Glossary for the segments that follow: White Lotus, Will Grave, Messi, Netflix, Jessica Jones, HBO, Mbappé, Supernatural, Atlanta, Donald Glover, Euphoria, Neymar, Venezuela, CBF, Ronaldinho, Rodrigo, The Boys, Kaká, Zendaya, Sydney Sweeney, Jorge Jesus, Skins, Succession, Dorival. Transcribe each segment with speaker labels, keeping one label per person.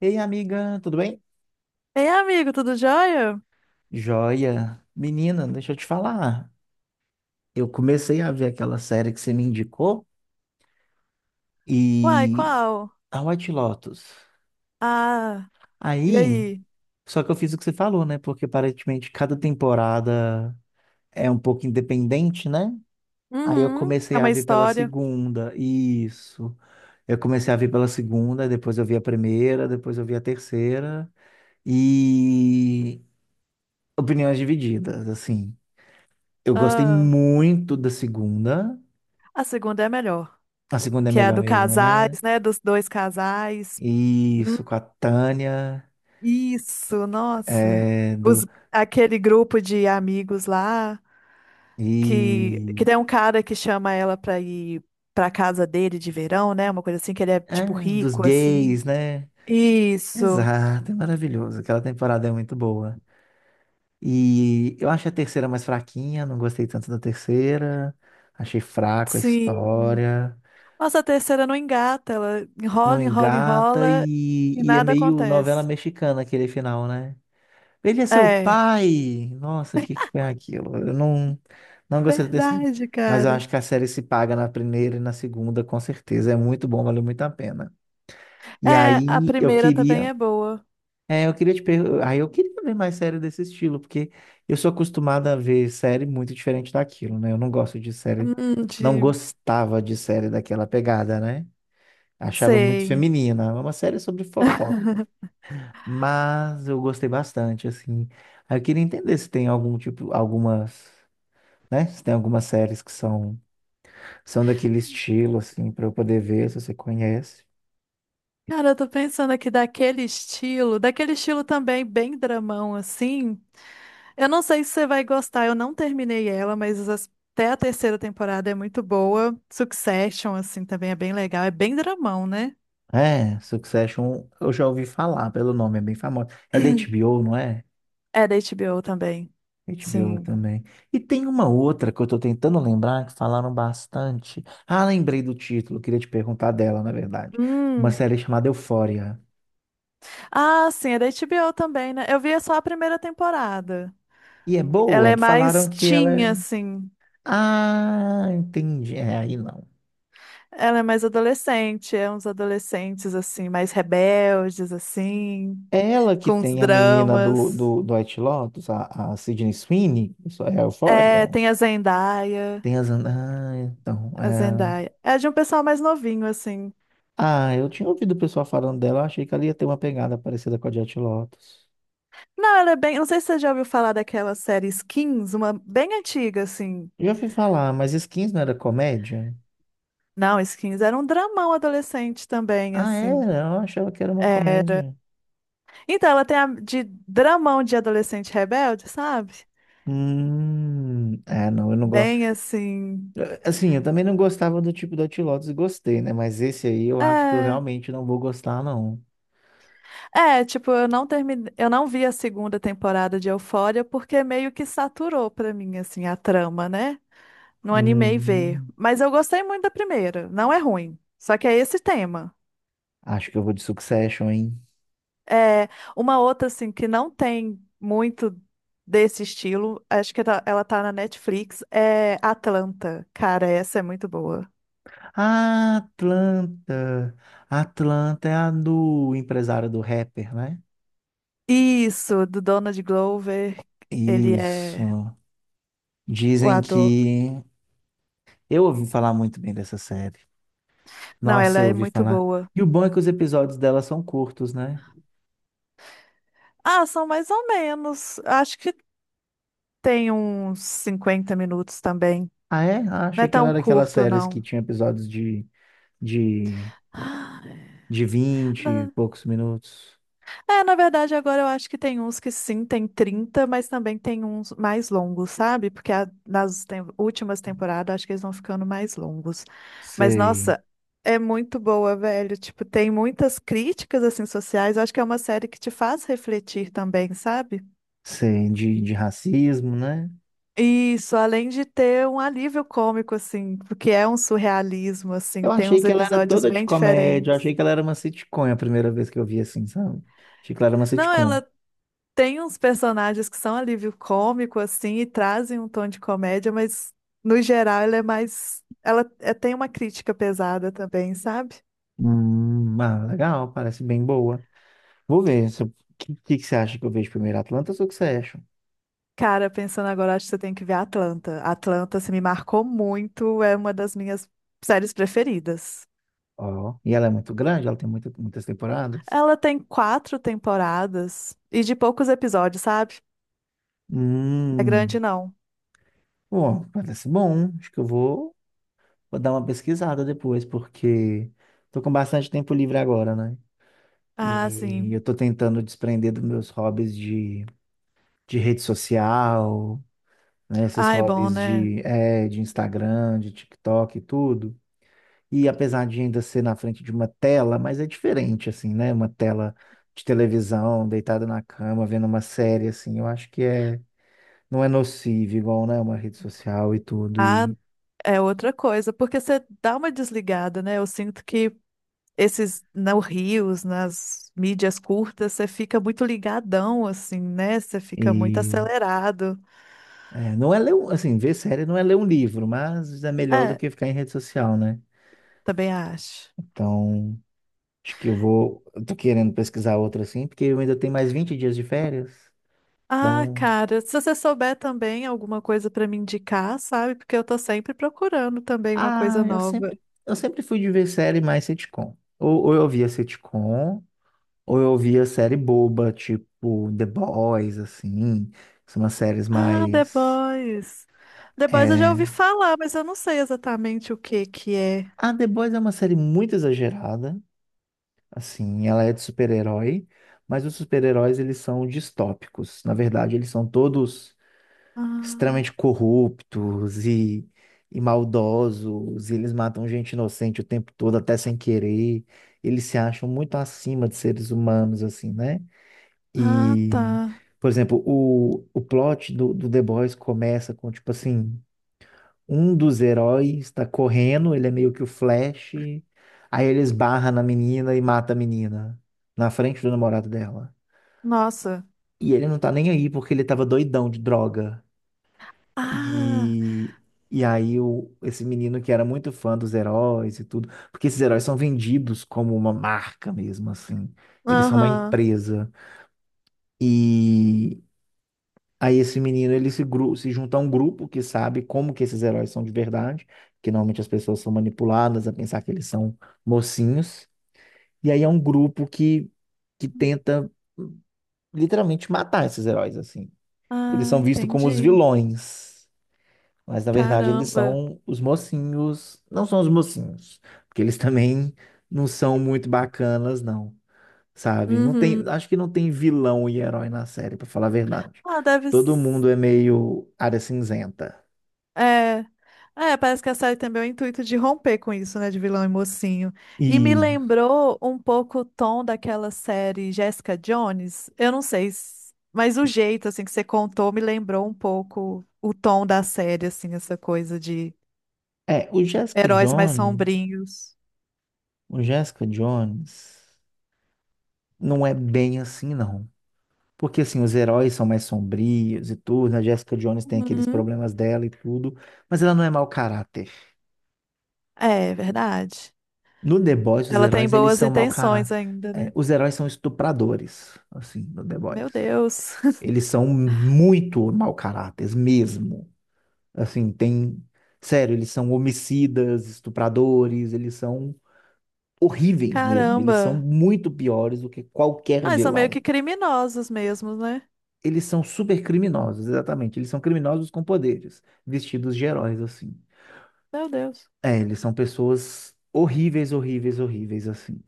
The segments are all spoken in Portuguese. Speaker 1: Ei, amiga, tudo bem?
Speaker 2: Ei, amigo, tudo jóia?
Speaker 1: Joia. Menina, deixa eu te falar. Eu comecei a ver aquela série que você me indicou
Speaker 2: Uai,
Speaker 1: e
Speaker 2: qual?
Speaker 1: a White Lotus.
Speaker 2: Ah, e
Speaker 1: Aí,
Speaker 2: aí?
Speaker 1: só que eu fiz o que você falou, né? Porque aparentemente cada temporada é um pouco independente, né? Aí eu
Speaker 2: Uhum, tem
Speaker 1: comecei a
Speaker 2: uma
Speaker 1: ver pela
Speaker 2: história.
Speaker 1: segunda. Isso. Eu comecei a ver pela segunda, depois eu vi a primeira, depois eu vi a terceira e opiniões divididas, assim. Eu gostei
Speaker 2: Ah,
Speaker 1: muito da segunda.
Speaker 2: a segunda é a melhor,
Speaker 1: A segunda é
Speaker 2: que é a
Speaker 1: melhor
Speaker 2: do
Speaker 1: mesmo, né?
Speaker 2: casais, né? Dos dois casais. Hum,
Speaker 1: Isso, com a Tânia,
Speaker 2: isso, nossa.
Speaker 1: é, do,
Speaker 2: Os, aquele grupo de amigos lá, que
Speaker 1: e,
Speaker 2: tem um cara que chama ela pra ir pra casa dele de verão, né? Uma coisa assim, que ele é,
Speaker 1: é,
Speaker 2: tipo,
Speaker 1: dos
Speaker 2: rico, assim.
Speaker 1: gays, né?
Speaker 2: Isso,
Speaker 1: Exato, é maravilhoso. Aquela temporada é muito boa. E eu acho a terceira mais fraquinha, não gostei tanto da terceira. Achei fraco a
Speaker 2: sim.
Speaker 1: história,
Speaker 2: Nossa, a terceira não engata, ela
Speaker 1: não
Speaker 2: enrola, enrola,
Speaker 1: engata
Speaker 2: enrola
Speaker 1: e,
Speaker 2: e
Speaker 1: e é
Speaker 2: nada
Speaker 1: meio novela
Speaker 2: acontece.
Speaker 1: mexicana aquele final, né? Ele é seu
Speaker 2: É,
Speaker 1: pai! Nossa, o que que foi aquilo? Eu não, não gostei do terceiro.
Speaker 2: verdade,
Speaker 1: Mas eu
Speaker 2: cara.
Speaker 1: acho que a série se paga na primeira e na segunda, com certeza. É muito bom, valeu muito a pena. E
Speaker 2: É, a
Speaker 1: aí eu
Speaker 2: primeira também
Speaker 1: queria.
Speaker 2: é boa.
Speaker 1: É, eu queria te perguntar. Aí eu queria ver mais série desse estilo, porque eu sou acostumada a ver série muito diferente daquilo, né? Eu não gosto de série. Não
Speaker 2: De...
Speaker 1: gostava de série daquela pegada, né? Achava muito
Speaker 2: Sei.
Speaker 1: feminina. É uma série sobre fofoca, mas eu gostei bastante, assim. Aí eu queria entender se tem algum tipo, algumas, né? Se tem algumas séries são daquele estilo, assim, para eu poder ver, se você conhece.
Speaker 2: Cara, eu tô pensando aqui daquele estilo também bem dramão, assim. Eu não sei se você vai gostar, eu não terminei ela, mas até a terceira temporada é muito boa. Succession, assim, também é bem legal. É bem dramão, né?
Speaker 1: É, Succession, eu já ouvi falar pelo nome, é bem famoso. É da HBO, não é?
Speaker 2: É da HBO também.
Speaker 1: HBO
Speaker 2: Sim.
Speaker 1: também. E tem uma outra que eu tô tentando lembrar, que falaram bastante. Ah, lembrei do título, queria te perguntar dela, na verdade. Uma
Speaker 2: Hum.
Speaker 1: série chamada Euphoria.
Speaker 2: Ah, sim, é da HBO também, né? Eu via só a primeira temporada.
Speaker 1: E é
Speaker 2: Ela
Speaker 1: boa,
Speaker 2: é mais
Speaker 1: falaram que ela
Speaker 2: teen,
Speaker 1: é.
Speaker 2: assim.
Speaker 1: Ah, entendi. É, aí não.
Speaker 2: Ela é mais adolescente, é uns adolescentes, assim, mais rebeldes, assim,
Speaker 1: É ela que
Speaker 2: com os
Speaker 1: tem a menina do,
Speaker 2: dramas.
Speaker 1: do, do White Lotus, a Sydney Sweeney, isso é a
Speaker 2: É,
Speaker 1: Euphoria.
Speaker 2: tem a Zendaya.
Speaker 1: Tem as. Ah, então.
Speaker 2: A
Speaker 1: É.
Speaker 2: Zendaya. É de um pessoal mais novinho, assim.
Speaker 1: Ah, eu tinha ouvido o pessoal falando dela, eu achei que ela ia ter uma pegada parecida com a de White Lotus.
Speaker 2: Não, ela é bem. Não sei se você já ouviu falar daquela série Skins, uma bem antiga, assim.
Speaker 1: Já fui falar, mas Skins não era comédia?
Speaker 2: Não, Skins era um dramão adolescente também,
Speaker 1: Ah,
Speaker 2: assim.
Speaker 1: era? Eu achava que era uma
Speaker 2: Era,
Speaker 1: comédia.
Speaker 2: então, ela tem a de dramão de adolescente rebelde, sabe?
Speaker 1: É, não, eu não gosto.
Speaker 2: Bem assim.
Speaker 1: Assim, eu também não gostava do tipo do White Lotus e gostei, né? Mas esse aí eu acho que eu
Speaker 2: É,
Speaker 1: realmente não vou gostar, não.
Speaker 2: é, tipo, eu não terminei, eu não vi a segunda temporada de Euphoria porque meio que saturou pra mim assim a trama, né? Não animei ver,
Speaker 1: Hum,
Speaker 2: mas eu gostei muito da primeira, não é ruim. Só que é esse tema.
Speaker 1: acho que eu vou de Succession, hein?
Speaker 2: É uma outra assim que não tem muito desse estilo, acho que ela tá na Netflix, é Atlanta. Cara, essa é muito boa.
Speaker 1: Ah, Atlanta. Atlanta é a do empresário do rapper, né?
Speaker 2: Isso, do Donald Glover. Ele
Speaker 1: Isso.
Speaker 2: é o
Speaker 1: Dizem
Speaker 2: ator.
Speaker 1: que eu ouvi falar muito bem dessa série.
Speaker 2: Não,
Speaker 1: Nossa,
Speaker 2: ela
Speaker 1: eu
Speaker 2: é
Speaker 1: ouvi
Speaker 2: muito
Speaker 1: falar.
Speaker 2: boa.
Speaker 1: E o bom é que os episódios dela são curtos, né?
Speaker 2: Ah, são mais ou menos. Acho que tem uns 50 minutos também.
Speaker 1: Ah, é? Ah,
Speaker 2: Não
Speaker 1: achei
Speaker 2: é
Speaker 1: que ela
Speaker 2: tão
Speaker 1: era aquelas
Speaker 2: curto,
Speaker 1: séries que
Speaker 2: não.
Speaker 1: tinha episódios de, de 20 e
Speaker 2: Não,
Speaker 1: poucos minutos.
Speaker 2: é, na verdade, agora eu acho que tem uns que sim, tem 30, mas também tem uns mais longos, sabe? Porque últimas temporadas, acho que eles vão ficando mais longos. Mas,
Speaker 1: Sei,
Speaker 2: nossa, é muito boa, velho. Tipo, tem muitas críticas, assim, sociais. Eu acho que é uma série que te faz refletir também, sabe?
Speaker 1: sei, de racismo, né?
Speaker 2: Isso, além de ter um alívio cômico, assim, porque é um surrealismo, assim,
Speaker 1: Eu
Speaker 2: tem
Speaker 1: achei
Speaker 2: uns
Speaker 1: que ela era
Speaker 2: episódios
Speaker 1: toda de
Speaker 2: bem
Speaker 1: comédia, eu
Speaker 2: diferentes.
Speaker 1: achei que ela era uma sitcom, é a primeira vez que eu vi assim, sabe? Achei que ela era uma
Speaker 2: Não,
Speaker 1: sitcom.
Speaker 2: ela tem uns personagens que são alívio cômico, assim, e trazem um tom de comédia, mas no geral ela é mais. Tem uma crítica pesada também, sabe?
Speaker 1: Ah, legal, parece bem boa. Vou ver, se eu- que você acha que eu vejo primeiro, Atlanta ou Succession?
Speaker 2: Cara, pensando agora, acho que você tem que ver Atlanta. Atlanta, se me marcou muito, é uma das minhas séries preferidas.
Speaker 1: Ó, e ela é muito grande, ela tem muitas temporadas.
Speaker 2: Ela tem 4 temporadas e de poucos episódios, sabe? É grande,
Speaker 1: Hum,
Speaker 2: não.
Speaker 1: bom, parece bom. Acho que eu vou, vou dar uma pesquisada depois, porque tô com bastante tempo livre agora, né?
Speaker 2: Ah,
Speaker 1: E eu
Speaker 2: sim.
Speaker 1: tô tentando desprender dos meus hobbies de rede social, né? Esses
Speaker 2: Ah, é bom,
Speaker 1: hobbies
Speaker 2: né?
Speaker 1: de Instagram, de TikTok e tudo. E apesar de ainda ser na frente de uma tela, mas é diferente, assim, né? Uma tela de televisão, deitada na cama, vendo uma série, assim, eu acho que é, não é nocivo, igual, né? Uma rede social e tudo.
Speaker 2: Ah,
Speaker 1: E,
Speaker 2: é outra coisa, porque você dá uma desligada, né? Eu sinto que esses nos rios, nas mídias curtas, você fica muito ligadão, assim, né? Você fica muito
Speaker 1: e
Speaker 2: acelerado.
Speaker 1: é, não é ler, assim, ver série não é ler um livro, mas é melhor do
Speaker 2: É,
Speaker 1: que ficar em rede social, né?
Speaker 2: também acho.
Speaker 1: Então, acho que eu vou, eu tô querendo pesquisar outra, assim, porque eu ainda tenho mais 20 dias de férias.
Speaker 2: Ah,
Speaker 1: Então,
Speaker 2: cara, se você souber também alguma coisa pra me indicar, sabe? Porque eu tô sempre procurando também uma
Speaker 1: Ah,
Speaker 2: coisa
Speaker 1: eu
Speaker 2: nova.
Speaker 1: sempre, eu sempre fui de ver série mais sitcom. Ou eu via sitcom, ou eu via série boba, tipo The Boys, assim. São umas séries
Speaker 2: Ah, The
Speaker 1: mais.
Speaker 2: Boys. The Boys eu já ouvi
Speaker 1: É...
Speaker 2: falar, mas eu não sei exatamente o que que é.
Speaker 1: Ah, The Boys é uma série muito exagerada, assim. Ela é de super-herói, mas os super-heróis eles são distópicos. Na verdade, eles são todos
Speaker 2: Ah,
Speaker 1: extremamente corruptos e maldosos, e eles matam gente inocente o tempo todo, até sem querer. Eles se acham muito acima de seres humanos, assim, né?
Speaker 2: ah, tá.
Speaker 1: E, por exemplo, o plot do The Boys começa com, tipo assim, um dos heróis tá correndo, ele é meio que o Flash, aí ele esbarra na menina e mata a menina, na frente do namorado dela.
Speaker 2: Nossa.
Speaker 1: E ele não tá nem aí porque ele tava doidão de droga.
Speaker 2: Ah,
Speaker 1: E, e aí esse menino que era muito fã dos heróis e tudo, porque esses heróis são vendidos como uma marca mesmo, assim. Eles são uma
Speaker 2: aham.
Speaker 1: empresa. E aí esse menino, ele se, gru- se junta a um grupo que sabe como que esses heróis são de verdade, que normalmente as pessoas são manipuladas a pensar que eles são mocinhos. E aí é um grupo que tenta hum, literalmente matar esses heróis, assim. Eles
Speaker 2: Ah,
Speaker 1: são vistos como os
Speaker 2: entendi.
Speaker 1: vilões. Mas na verdade eles
Speaker 2: Caramba.
Speaker 1: são os mocinhos. Não são os mocinhos, porque eles também não são muito bacanas, não. Sabe?
Speaker 2: Uhum.
Speaker 1: Acho que não tem vilão e herói na série, pra falar a verdade.
Speaker 2: Ah, deve.
Speaker 1: Todo mundo é meio área cinzenta.
Speaker 2: É. É, parece que a série tem bem o intuito de romper com isso, né, de vilão e mocinho. E me
Speaker 1: E
Speaker 2: lembrou um pouco o tom daquela série Jessica Jones. Eu não sei, mas o jeito assim que você contou me lembrou um pouco o tom da série, assim, essa coisa de
Speaker 1: é,
Speaker 2: heróis mais sombrios.
Speaker 1: O Jessica Jones não é bem assim, não. Porque assim, os heróis são mais sombrios e tudo, né? A Jessica Jones tem aqueles
Speaker 2: Uhum.
Speaker 1: problemas dela e tudo, mas ela não é mau caráter.
Speaker 2: É, verdade.
Speaker 1: No The Boys, os
Speaker 2: Ela tem
Speaker 1: heróis, eles
Speaker 2: boas
Speaker 1: são mau
Speaker 2: intenções
Speaker 1: caráter.
Speaker 2: ainda, né?
Speaker 1: É, os heróis são estupradores, assim, no The
Speaker 2: Meu
Speaker 1: Boys.
Speaker 2: Deus.
Speaker 1: Eles são muito mau caráteres mesmo. Assim, tem... Sério, eles são homicidas, estupradores, eles são horríveis mesmo. Eles são
Speaker 2: Caramba.
Speaker 1: muito piores do que qualquer
Speaker 2: Ah, eles são meio que
Speaker 1: vilão.
Speaker 2: criminosos mesmo, né?
Speaker 1: Eles são super criminosos, exatamente. Eles são criminosos com poderes, vestidos de heróis, assim.
Speaker 2: Meu Deus.
Speaker 1: É, eles são pessoas horríveis, horríveis, horríveis, assim.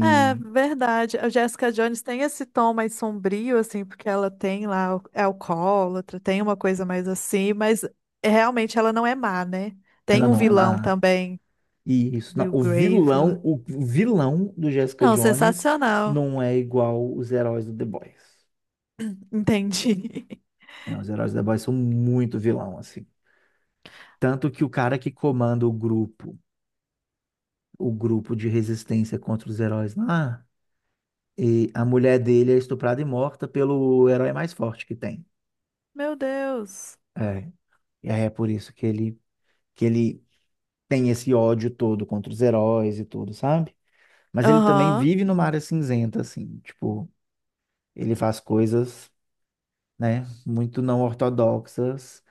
Speaker 2: É verdade. A Jessica Jones tem esse tom mais sombrio, assim, porque ela tem lá, é alcoólatra, tem uma coisa mais assim, mas realmente ela não é má, né? Tem
Speaker 1: ela
Speaker 2: um
Speaker 1: não é
Speaker 2: vilão
Speaker 1: má.
Speaker 2: também,
Speaker 1: Isso, não,
Speaker 2: Will Grave lá.
Speaker 1: o vilão do Jessica
Speaker 2: Não,
Speaker 1: Jones
Speaker 2: sensacional.
Speaker 1: não é igual os heróis do The Boys.
Speaker 2: Entendi.
Speaker 1: Né? Os heróis do The Boys são muito vilão, assim. Tanto que o cara que comanda o grupo de resistência contra os heróis lá, e a mulher dele é estuprada e morta pelo herói mais forte que tem.
Speaker 2: Meu Deus.
Speaker 1: É, e aí é por isso que ele tem esse ódio todo contra os heróis e tudo, sabe? Mas ele também
Speaker 2: Aham.
Speaker 1: vive numa área cinzenta, assim, tipo, ele faz coisas. Né? Muito não ortodoxas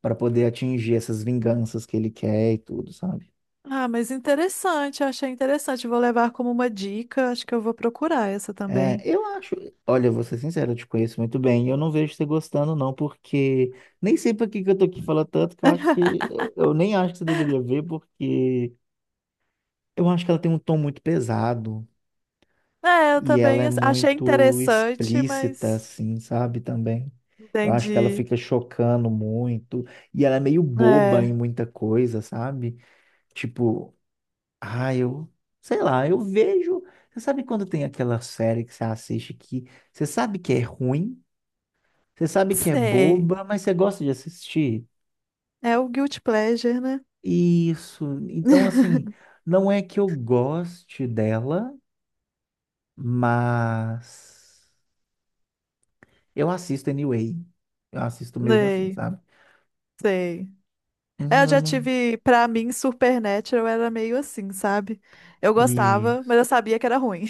Speaker 1: para poder atingir essas vinganças que ele quer e tudo, sabe?
Speaker 2: Ah, mas interessante, eu achei interessante. Vou levar como uma dica, acho que eu vou procurar essa
Speaker 1: É,
Speaker 2: também.
Speaker 1: eu acho, olha, vou ser sincero, eu te conheço muito bem, e eu não vejo você gostando não, porque nem sei para que que eu tô aqui falando tanto, que eu acho que eu nem acho que você deveria ver, porque eu acho que ela tem um tom muito pesado
Speaker 2: É, eu
Speaker 1: e ela
Speaker 2: também
Speaker 1: é
Speaker 2: achei
Speaker 1: muito
Speaker 2: interessante,
Speaker 1: explícita
Speaker 2: mas
Speaker 1: assim, sabe, também. Eu acho que ela
Speaker 2: entendi.
Speaker 1: fica chocando muito e ela é meio boba em
Speaker 2: É,
Speaker 1: muita coisa, sabe? Tipo, Ah, eu, eu vejo. Você sabe quando tem aquela série que você assiste que você sabe que é ruim, você sabe que é
Speaker 2: sei.
Speaker 1: boba, mas você gosta de assistir?
Speaker 2: É o guilty pleasure, né?
Speaker 1: Isso. Então, assim, não é que eu goste dela, mas eu assisto anyway. Eu assisto mesmo assim,
Speaker 2: Sei,
Speaker 1: sabe?
Speaker 2: sei. É, eu
Speaker 1: Eu
Speaker 2: já
Speaker 1: não-
Speaker 2: tive, pra mim, Supernatural era meio assim, sabe? Eu gostava, mas eu
Speaker 1: Isso.
Speaker 2: sabia que era ruim.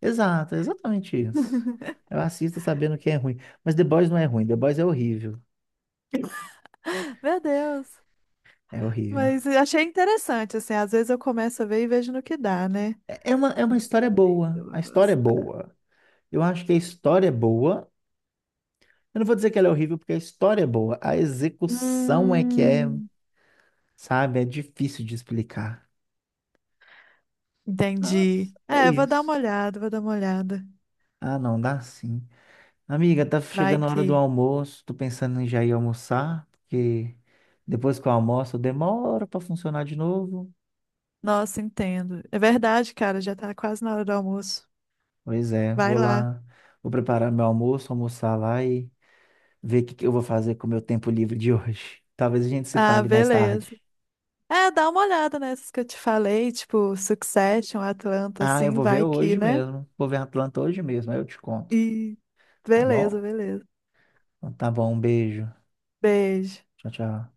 Speaker 1: Exato, é exatamente isso. Eu assisto sabendo que é ruim. Mas The Boys não é ruim, The Boys é horrível.
Speaker 2: Meu Deus.
Speaker 1: É horrível.
Speaker 2: Mas eu achei interessante, assim, às vezes eu começo a ver e vejo no que dá, né?
Speaker 1: É uma
Speaker 2: Não
Speaker 1: história
Speaker 2: sei, eu
Speaker 1: boa.
Speaker 2: vou
Speaker 1: A história é
Speaker 2: gostar.
Speaker 1: boa. Eu acho que a história é boa. Eu não vou dizer que ela é horrível, porque a história é boa. A execução é que é,
Speaker 2: Hum,
Speaker 1: sabe, é difícil de explicar. Mas
Speaker 2: entendi.
Speaker 1: é
Speaker 2: É, eu vou dar
Speaker 1: isso.
Speaker 2: uma olhada, vou dar uma olhada.
Speaker 1: Ah, não, dá sim. Amiga, tá
Speaker 2: Vai
Speaker 1: chegando a hora do
Speaker 2: que.
Speaker 1: almoço. Tô pensando em já ir almoçar, porque depois que eu almoço, demora pra funcionar de novo.
Speaker 2: Nossa, entendo. É verdade, cara, já tá quase na hora do almoço.
Speaker 1: Pois é,
Speaker 2: Vai lá.
Speaker 1: vou preparar meu almoço, almoçar lá e ver o que que eu vou fazer com o meu tempo livre de hoje. Talvez a gente se
Speaker 2: Ah,
Speaker 1: fale mais tarde.
Speaker 2: beleza. É, dá uma olhada nessas que eu te falei, tipo Succession, Atlanta,
Speaker 1: Ah, eu
Speaker 2: assim,
Speaker 1: vou ver
Speaker 2: vai que,
Speaker 1: hoje
Speaker 2: né?
Speaker 1: mesmo. Vou ver Atlanta hoje mesmo, aí eu te conto.
Speaker 2: E
Speaker 1: Tá
Speaker 2: beleza,
Speaker 1: bom?
Speaker 2: beleza.
Speaker 1: Então, tá bom, um beijo.
Speaker 2: Beijo.
Speaker 1: Tchau, tchau.